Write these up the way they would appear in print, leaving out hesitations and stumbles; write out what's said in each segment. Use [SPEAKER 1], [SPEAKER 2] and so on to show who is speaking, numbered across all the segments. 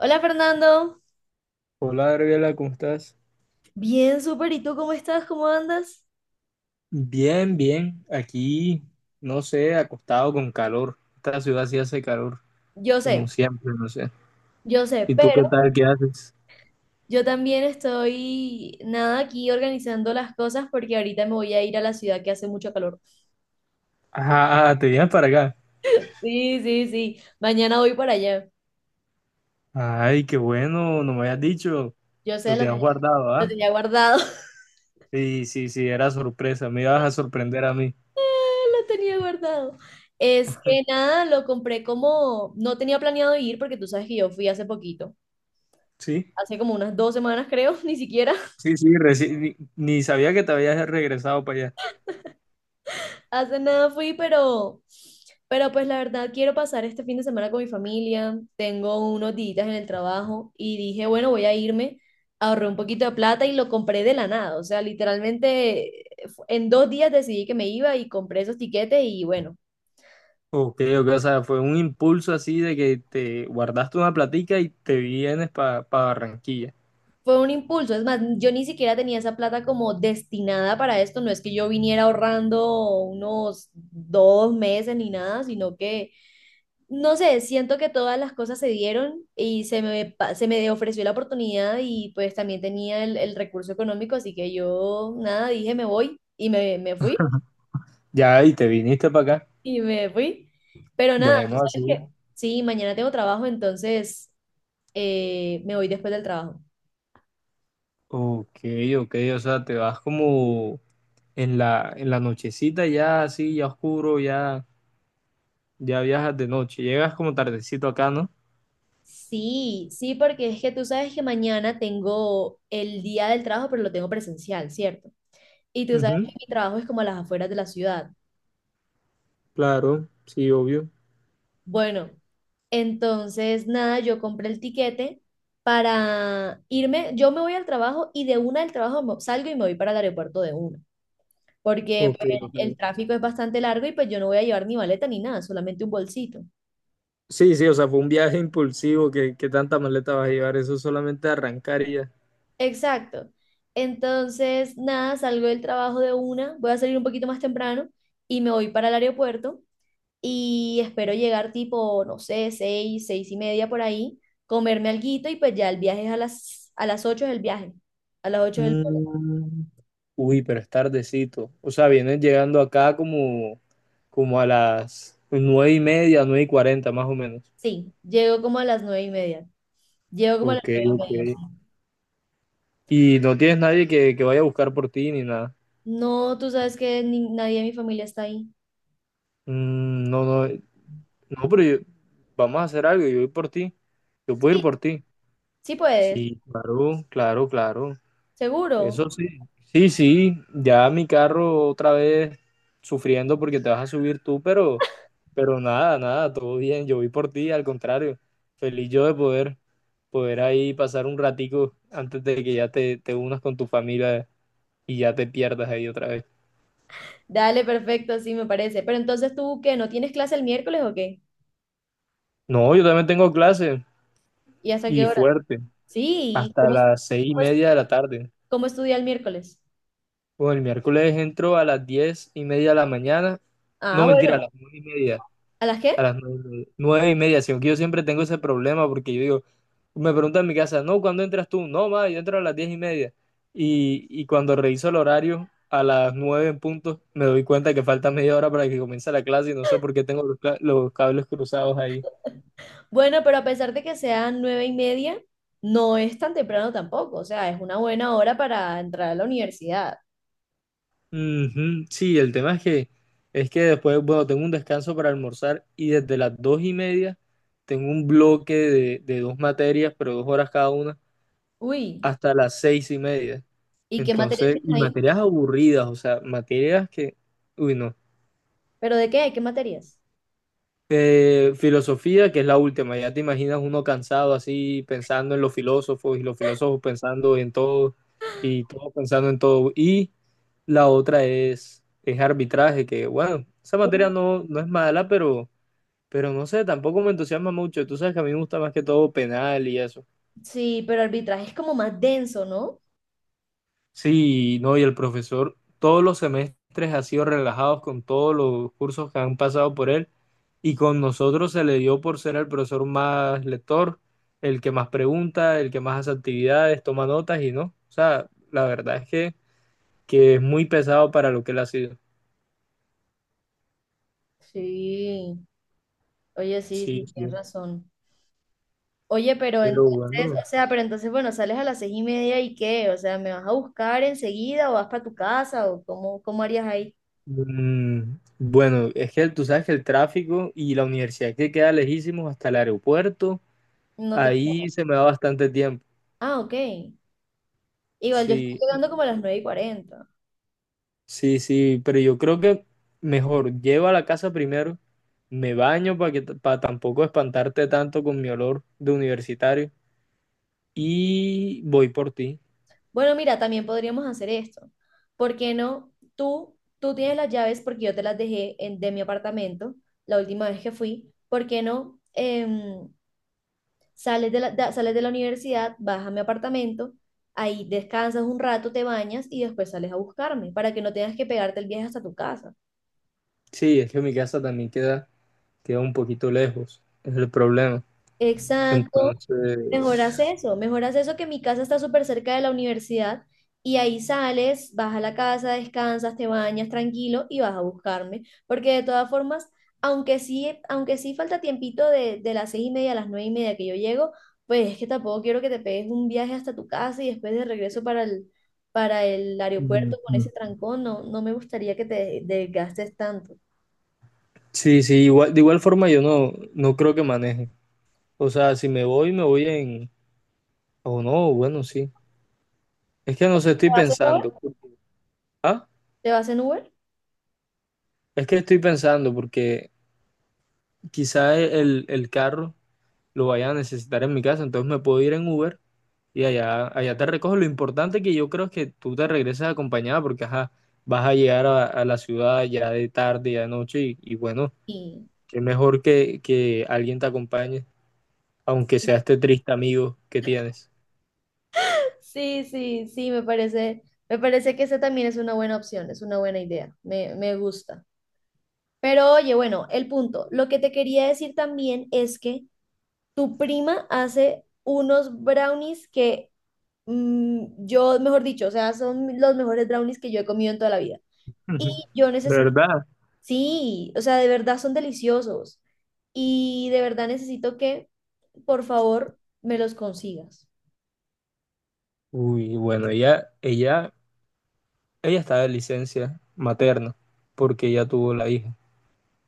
[SPEAKER 1] Hola Fernando.
[SPEAKER 2] Hola Gabriela, ¿cómo estás?
[SPEAKER 1] Bien, súper, ¿y tú cómo estás? ¿Cómo andas?
[SPEAKER 2] Bien, bien. Aquí, no sé, acostado con calor. Esta ciudad sí hace calor,
[SPEAKER 1] Yo
[SPEAKER 2] como
[SPEAKER 1] sé,
[SPEAKER 2] siempre, no sé.
[SPEAKER 1] yo sé,
[SPEAKER 2] ¿Y tú
[SPEAKER 1] pero
[SPEAKER 2] qué tal? ¿Qué haces?
[SPEAKER 1] yo también estoy, nada, aquí organizando las cosas porque ahorita me voy a ir a la ciudad que hace mucho calor.
[SPEAKER 2] Ajá, ah, te vienes para acá.
[SPEAKER 1] Sí, sí, sí, mañana voy para allá.
[SPEAKER 2] Ay, qué bueno, no me habías dicho.
[SPEAKER 1] Yo sé,
[SPEAKER 2] Lo tenías guardado,
[SPEAKER 1] lo
[SPEAKER 2] ¿ah?
[SPEAKER 1] tenía guardado.
[SPEAKER 2] Sí, sí, sí, era sorpresa. Me ibas a sorprender a mí.
[SPEAKER 1] Lo tenía guardado. Es que nada, lo compré como, no tenía planeado ir porque tú sabes que yo fui hace poquito,
[SPEAKER 2] Sí,
[SPEAKER 1] hace como unas 2 semanas creo. Ni siquiera.
[SPEAKER 2] sí, sí, ni sabía que te habías regresado para allá.
[SPEAKER 1] Hace nada fui, pero, pues la verdad quiero pasar este fin de semana con mi familia. Tengo unos días en el trabajo y dije, bueno, voy a irme. Ahorré un poquito de plata y lo compré de la nada. O sea, literalmente en 2 días decidí que me iba y compré esos tiquetes y bueno,
[SPEAKER 2] Ok, ok, o sea, fue un impulso así de que te guardaste una platica y te vienes para Barranquilla.
[SPEAKER 1] fue un impulso. Es más, yo ni siquiera tenía esa plata como destinada para esto. No es que yo viniera ahorrando unos 2 meses ni nada, sino que no sé, siento que todas las cosas se dieron y se me ofreció la oportunidad y pues también tenía el recurso económico, así que yo nada, dije me voy y me fui
[SPEAKER 2] Ya, y te viniste para acá.
[SPEAKER 1] y me fui. Pero nada, tú
[SPEAKER 2] Bueno,
[SPEAKER 1] sabes
[SPEAKER 2] así.
[SPEAKER 1] que sí, mañana tengo trabajo, entonces me voy después del trabajo.
[SPEAKER 2] Ok, ok, o sea, te vas como en la nochecita ya así, ya oscuro, ya, ya viajas de noche. Llegas como tardecito acá, ¿no?
[SPEAKER 1] Sí, sí, porque es que tú sabes que mañana tengo el día del trabajo, pero lo tengo presencial, ¿cierto? Y tú sabes
[SPEAKER 2] Ujú,
[SPEAKER 1] que mi trabajo es como a las afueras de la ciudad.
[SPEAKER 2] claro, sí, obvio.
[SPEAKER 1] Bueno, entonces, nada, yo compré el tiquete para irme, yo me voy al trabajo y de una del trabajo salgo y me voy para el aeropuerto de una, porque
[SPEAKER 2] Ok,
[SPEAKER 1] pues
[SPEAKER 2] ok.
[SPEAKER 1] el tráfico es bastante largo y pues yo no voy a llevar ni maleta ni nada, solamente un bolsito.
[SPEAKER 2] Sí, sí, o sea, fue un viaje impulsivo que tanta maleta vas a llevar, eso solamente arrancar y ya.
[SPEAKER 1] Exacto. Entonces, nada, salgo del trabajo de una, voy a salir un poquito más temprano y me voy para el aeropuerto y espero llegar tipo, no sé, seis, 6:30 por ahí, comerme alguito y pues ya el viaje es a las 8:00 es el viaje, a las 8:00 del vuelo.
[SPEAKER 2] Mm, uy, pero es tardecito. O sea, vienes llegando acá como a las 9:30, 9:40 más o menos.
[SPEAKER 1] Sí, llego como a las 9:30. Llego como a las
[SPEAKER 2] Ok,
[SPEAKER 1] nueve y
[SPEAKER 2] ok.
[SPEAKER 1] media, sí.
[SPEAKER 2] Y no tienes nadie que vaya a buscar por ti ni nada.
[SPEAKER 1] No, tú sabes que nadie de mi familia está ahí.
[SPEAKER 2] Mm, no, no, no, pero vamos a hacer algo. Yo voy por ti. Yo puedo ir
[SPEAKER 1] Sí,
[SPEAKER 2] por ti.
[SPEAKER 1] sí puedes,
[SPEAKER 2] Sí, claro, claro, claro.
[SPEAKER 1] seguro.
[SPEAKER 2] Eso sí. Sí, sí. Ya mi carro otra vez sufriendo porque te vas a subir tú, pero nada, nada, todo bien. Yo voy por ti, al contrario. Feliz yo de poder ahí pasar un ratico antes de que ya te unas con tu familia y ya te pierdas ahí otra vez.
[SPEAKER 1] Dale, perfecto, sí me parece. Pero entonces tú, ¿qué? ¿No tienes clase el miércoles o qué?
[SPEAKER 2] No, yo también tengo clase
[SPEAKER 1] ¿Y hasta qué
[SPEAKER 2] y
[SPEAKER 1] hora?
[SPEAKER 2] fuerte,
[SPEAKER 1] Sí,
[SPEAKER 2] hasta las seis y
[SPEAKER 1] cómo, es-
[SPEAKER 2] media de la tarde.
[SPEAKER 1] cómo estudia el miércoles?
[SPEAKER 2] Bueno, el miércoles entro a las 10:30 de la mañana.
[SPEAKER 1] Ah,
[SPEAKER 2] No, mentira, a
[SPEAKER 1] bueno,
[SPEAKER 2] las 9:30.
[SPEAKER 1] ¿a las
[SPEAKER 2] A
[SPEAKER 1] qué?
[SPEAKER 2] las nueve y media, 9:30, sino que yo siempre tengo ese problema porque yo digo, me preguntan en mi casa, no, ¿cuándo entras tú? No, ma, yo entro a las 10:30. Y cuando reviso el horario, a las 9 en punto, me doy cuenta que falta media hora para que comience la clase y no sé por qué tengo los, los cables cruzados ahí.
[SPEAKER 1] Bueno, pero a pesar de que sean 9:30, no es tan temprano tampoco. O sea, es una buena hora para entrar a la universidad.
[SPEAKER 2] Ujú, sí, el tema es que después, bueno, tengo un descanso para almorzar y desde las 2:30 tengo un bloque de dos materias, pero 2 horas cada una,
[SPEAKER 1] Uy,
[SPEAKER 2] hasta las 6:30.
[SPEAKER 1] ¿y qué materias
[SPEAKER 2] Entonces,
[SPEAKER 1] tienes
[SPEAKER 2] y
[SPEAKER 1] ahí?
[SPEAKER 2] materias aburridas, o sea, materias que, uy, no.
[SPEAKER 1] ¿Pero de qué? ¿Qué materias?
[SPEAKER 2] Filosofía, que es la última, ya te imaginas uno cansado así pensando en los filósofos y los filósofos pensando en todo y todos pensando en todo. Y la otra es arbitraje, que bueno, esa materia no, no es mala, pero no sé, tampoco me entusiasma mucho. Tú sabes que a mí me gusta más que todo penal y eso.
[SPEAKER 1] Sí, pero arbitraje es como más denso, ¿no?
[SPEAKER 2] Sí, no, y el profesor todos los semestres ha sido relajado con todos los cursos que han pasado por él y con nosotros se le dio por ser el profesor más lector, el que más pregunta, el que más hace actividades, toma notas y no. O sea, la verdad es que es muy pesado para lo que él ha sido.
[SPEAKER 1] Sí. Oye, sí, sí,
[SPEAKER 2] Sí,
[SPEAKER 1] tienes
[SPEAKER 2] sí,
[SPEAKER 1] razón. Oye, pero
[SPEAKER 2] pero
[SPEAKER 1] entonces,
[SPEAKER 2] bueno.
[SPEAKER 1] o sea, pero entonces, bueno, sales a las 6:30 y qué, o sea, ¿me vas a buscar enseguida o vas para tu casa o cómo, cómo harías ahí?
[SPEAKER 2] Mm, bueno, es que tú sabes que el tráfico y la universidad que queda lejísimos hasta el aeropuerto,
[SPEAKER 1] No te...
[SPEAKER 2] ahí se me da bastante tiempo.
[SPEAKER 1] Ah, ok. Igual yo estoy
[SPEAKER 2] Sí,
[SPEAKER 1] llegando como a las 9:40.
[SPEAKER 2] sí, sí, pero yo creo que mejor llevo a la casa primero, me baño para que para tampoco espantarte tanto con mi olor de universitario y voy por ti.
[SPEAKER 1] Bueno, mira, también podríamos hacer esto. ¿Por qué no? Tú tienes las llaves porque yo te las dejé de mi apartamento la última vez que fui. ¿Por qué no? Sales de la universidad, vas a mi apartamento, ahí descansas un rato, te bañas y después sales a buscarme para que no tengas que pegarte el viaje hasta tu casa.
[SPEAKER 2] Sí, es que mi casa también queda, queda un poquito lejos, es el problema.
[SPEAKER 1] Exacto.
[SPEAKER 2] Entonces,
[SPEAKER 1] Mejoras eso que mi casa está súper cerca de la universidad y ahí sales, vas a la casa, descansas, te bañas tranquilo y vas a buscarme, porque de todas formas, aunque sí falta tiempito de las 6:30 a las 9:30 que yo llego, pues es que tampoco quiero que te pegues un viaje hasta tu casa y después de regreso para el aeropuerto con
[SPEAKER 2] ujú,
[SPEAKER 1] ese trancón. No, no me gustaría que te desgastes tanto.
[SPEAKER 2] sí, sí, igual, de igual forma yo no, no creo que maneje. O sea, si me voy, me voy en, o no, bueno, sí. Es que no sé,
[SPEAKER 1] ¿Te
[SPEAKER 2] estoy
[SPEAKER 1] vas en Uber?
[SPEAKER 2] pensando. ¿Ah?
[SPEAKER 1] ¿Te vas en Uber?
[SPEAKER 2] Es que estoy pensando porque quizá el carro lo vaya a necesitar en mi casa, entonces me puedo ir en Uber y allá, allá te recojo. Lo importante que yo creo es que tú te regreses acompañada porque ajá, vas a llegar a la ciudad ya de tarde, ya de noche y bueno,
[SPEAKER 1] Sí.
[SPEAKER 2] es mejor que alguien te acompañe, aunque sea este triste amigo que tienes.
[SPEAKER 1] Sí, sí, sí, me parece que esa también es una buena opción, es una buena idea, me gusta. Pero oye, bueno, el punto, lo que te quería decir también es que tu prima hace unos brownies que mm, yo, mejor dicho, o sea, son los mejores brownies que yo he comido en toda la vida. Y
[SPEAKER 2] Ujú.
[SPEAKER 1] yo necesito,
[SPEAKER 2] ¿Verdad?
[SPEAKER 1] sí, o sea, de verdad son deliciosos. Y de verdad necesito que, por favor, me los consigas.
[SPEAKER 2] Uy, bueno, ella está de licencia materna porque ella tuvo la hija.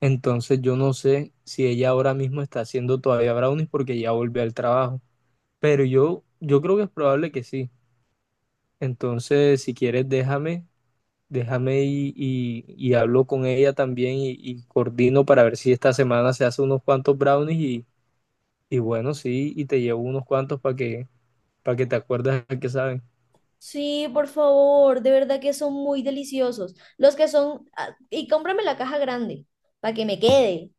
[SPEAKER 2] Entonces yo no sé si ella ahora mismo está haciendo todavía brownies porque ya volvió al trabajo. Pero yo creo que es probable que sí. Entonces, si quieres, déjame, déjame y, y hablo con ella también y coordino para ver si esta semana se hace unos cuantos brownies y bueno, sí, y te llevo unos cuantos para que te acuerdes a que saben.
[SPEAKER 1] Sí, por favor, de verdad que son muy deliciosos. Los que son, ah, y cómprame la caja grande para que me quede.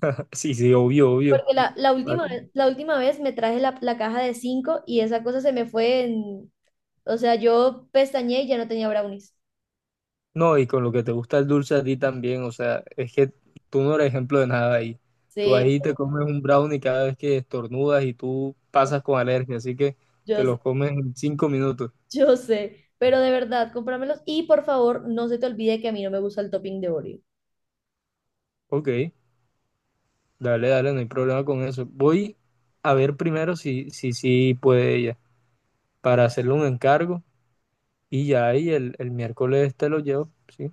[SPEAKER 2] Sí, sí, obvio, obvio.
[SPEAKER 1] Porque la última vez, la última vez me traje la caja de cinco y esa cosa se me fue en, o sea, yo pestañeé y ya no tenía brownies.
[SPEAKER 2] No, y con lo que te gusta el dulce a ti también, o sea, es que tú no eres ejemplo de nada ahí. Tú
[SPEAKER 1] Sí,
[SPEAKER 2] ahí te comes un brownie cada vez que estornudas y tú pasas con alergia, así que te
[SPEAKER 1] yo sé,
[SPEAKER 2] los comes en 5 minutos.
[SPEAKER 1] yo sé, pero de verdad, cómpramelos y por favor, no se te olvide que a mí no me gusta el topping de Oreo.
[SPEAKER 2] Ok, dale, dale, no hay problema con eso. Voy a ver primero si puede ella, para hacerle un encargo y ya ahí el miércoles te lo llevo, ¿sí?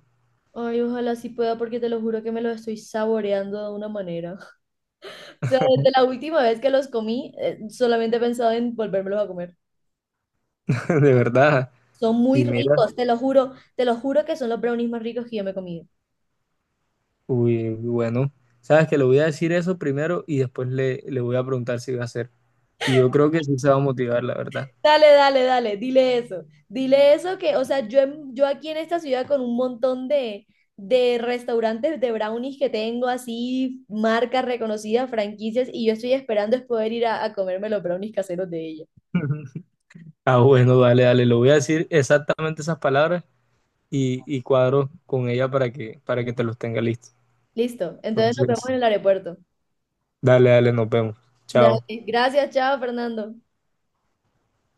[SPEAKER 1] Ay, ojalá sí pueda porque te lo juro que me lo estoy saboreando de una manera. O sea, desde la última vez que los comí, solamente he pensado en volvérmelos a comer.
[SPEAKER 2] De verdad.
[SPEAKER 1] Son
[SPEAKER 2] Y
[SPEAKER 1] muy
[SPEAKER 2] mira,
[SPEAKER 1] ricos, te lo juro que son los brownies más ricos que yo me he comido.
[SPEAKER 2] uy, bueno, sabes que le voy a decir eso primero y después le voy a preguntar si va a hacer. Y yo creo que sí se va a motivar, la verdad.
[SPEAKER 1] Dale, dale, dale, dile eso. Dile eso que, o sea, yo aquí en esta ciudad con un montón de restaurantes de brownies que tengo, así, marcas reconocidas, franquicias, y yo estoy esperando es poder ir a comerme los brownies caseros de ella.
[SPEAKER 2] Ah, bueno, dale, dale, le voy a decir exactamente esas palabras y cuadro con ella para que te los tenga listos.
[SPEAKER 1] Listo, entonces nos vemos
[SPEAKER 2] Entonces,
[SPEAKER 1] en el aeropuerto.
[SPEAKER 2] dale, dale, nos vemos. Chao.
[SPEAKER 1] Dale, gracias, chao, Fernando.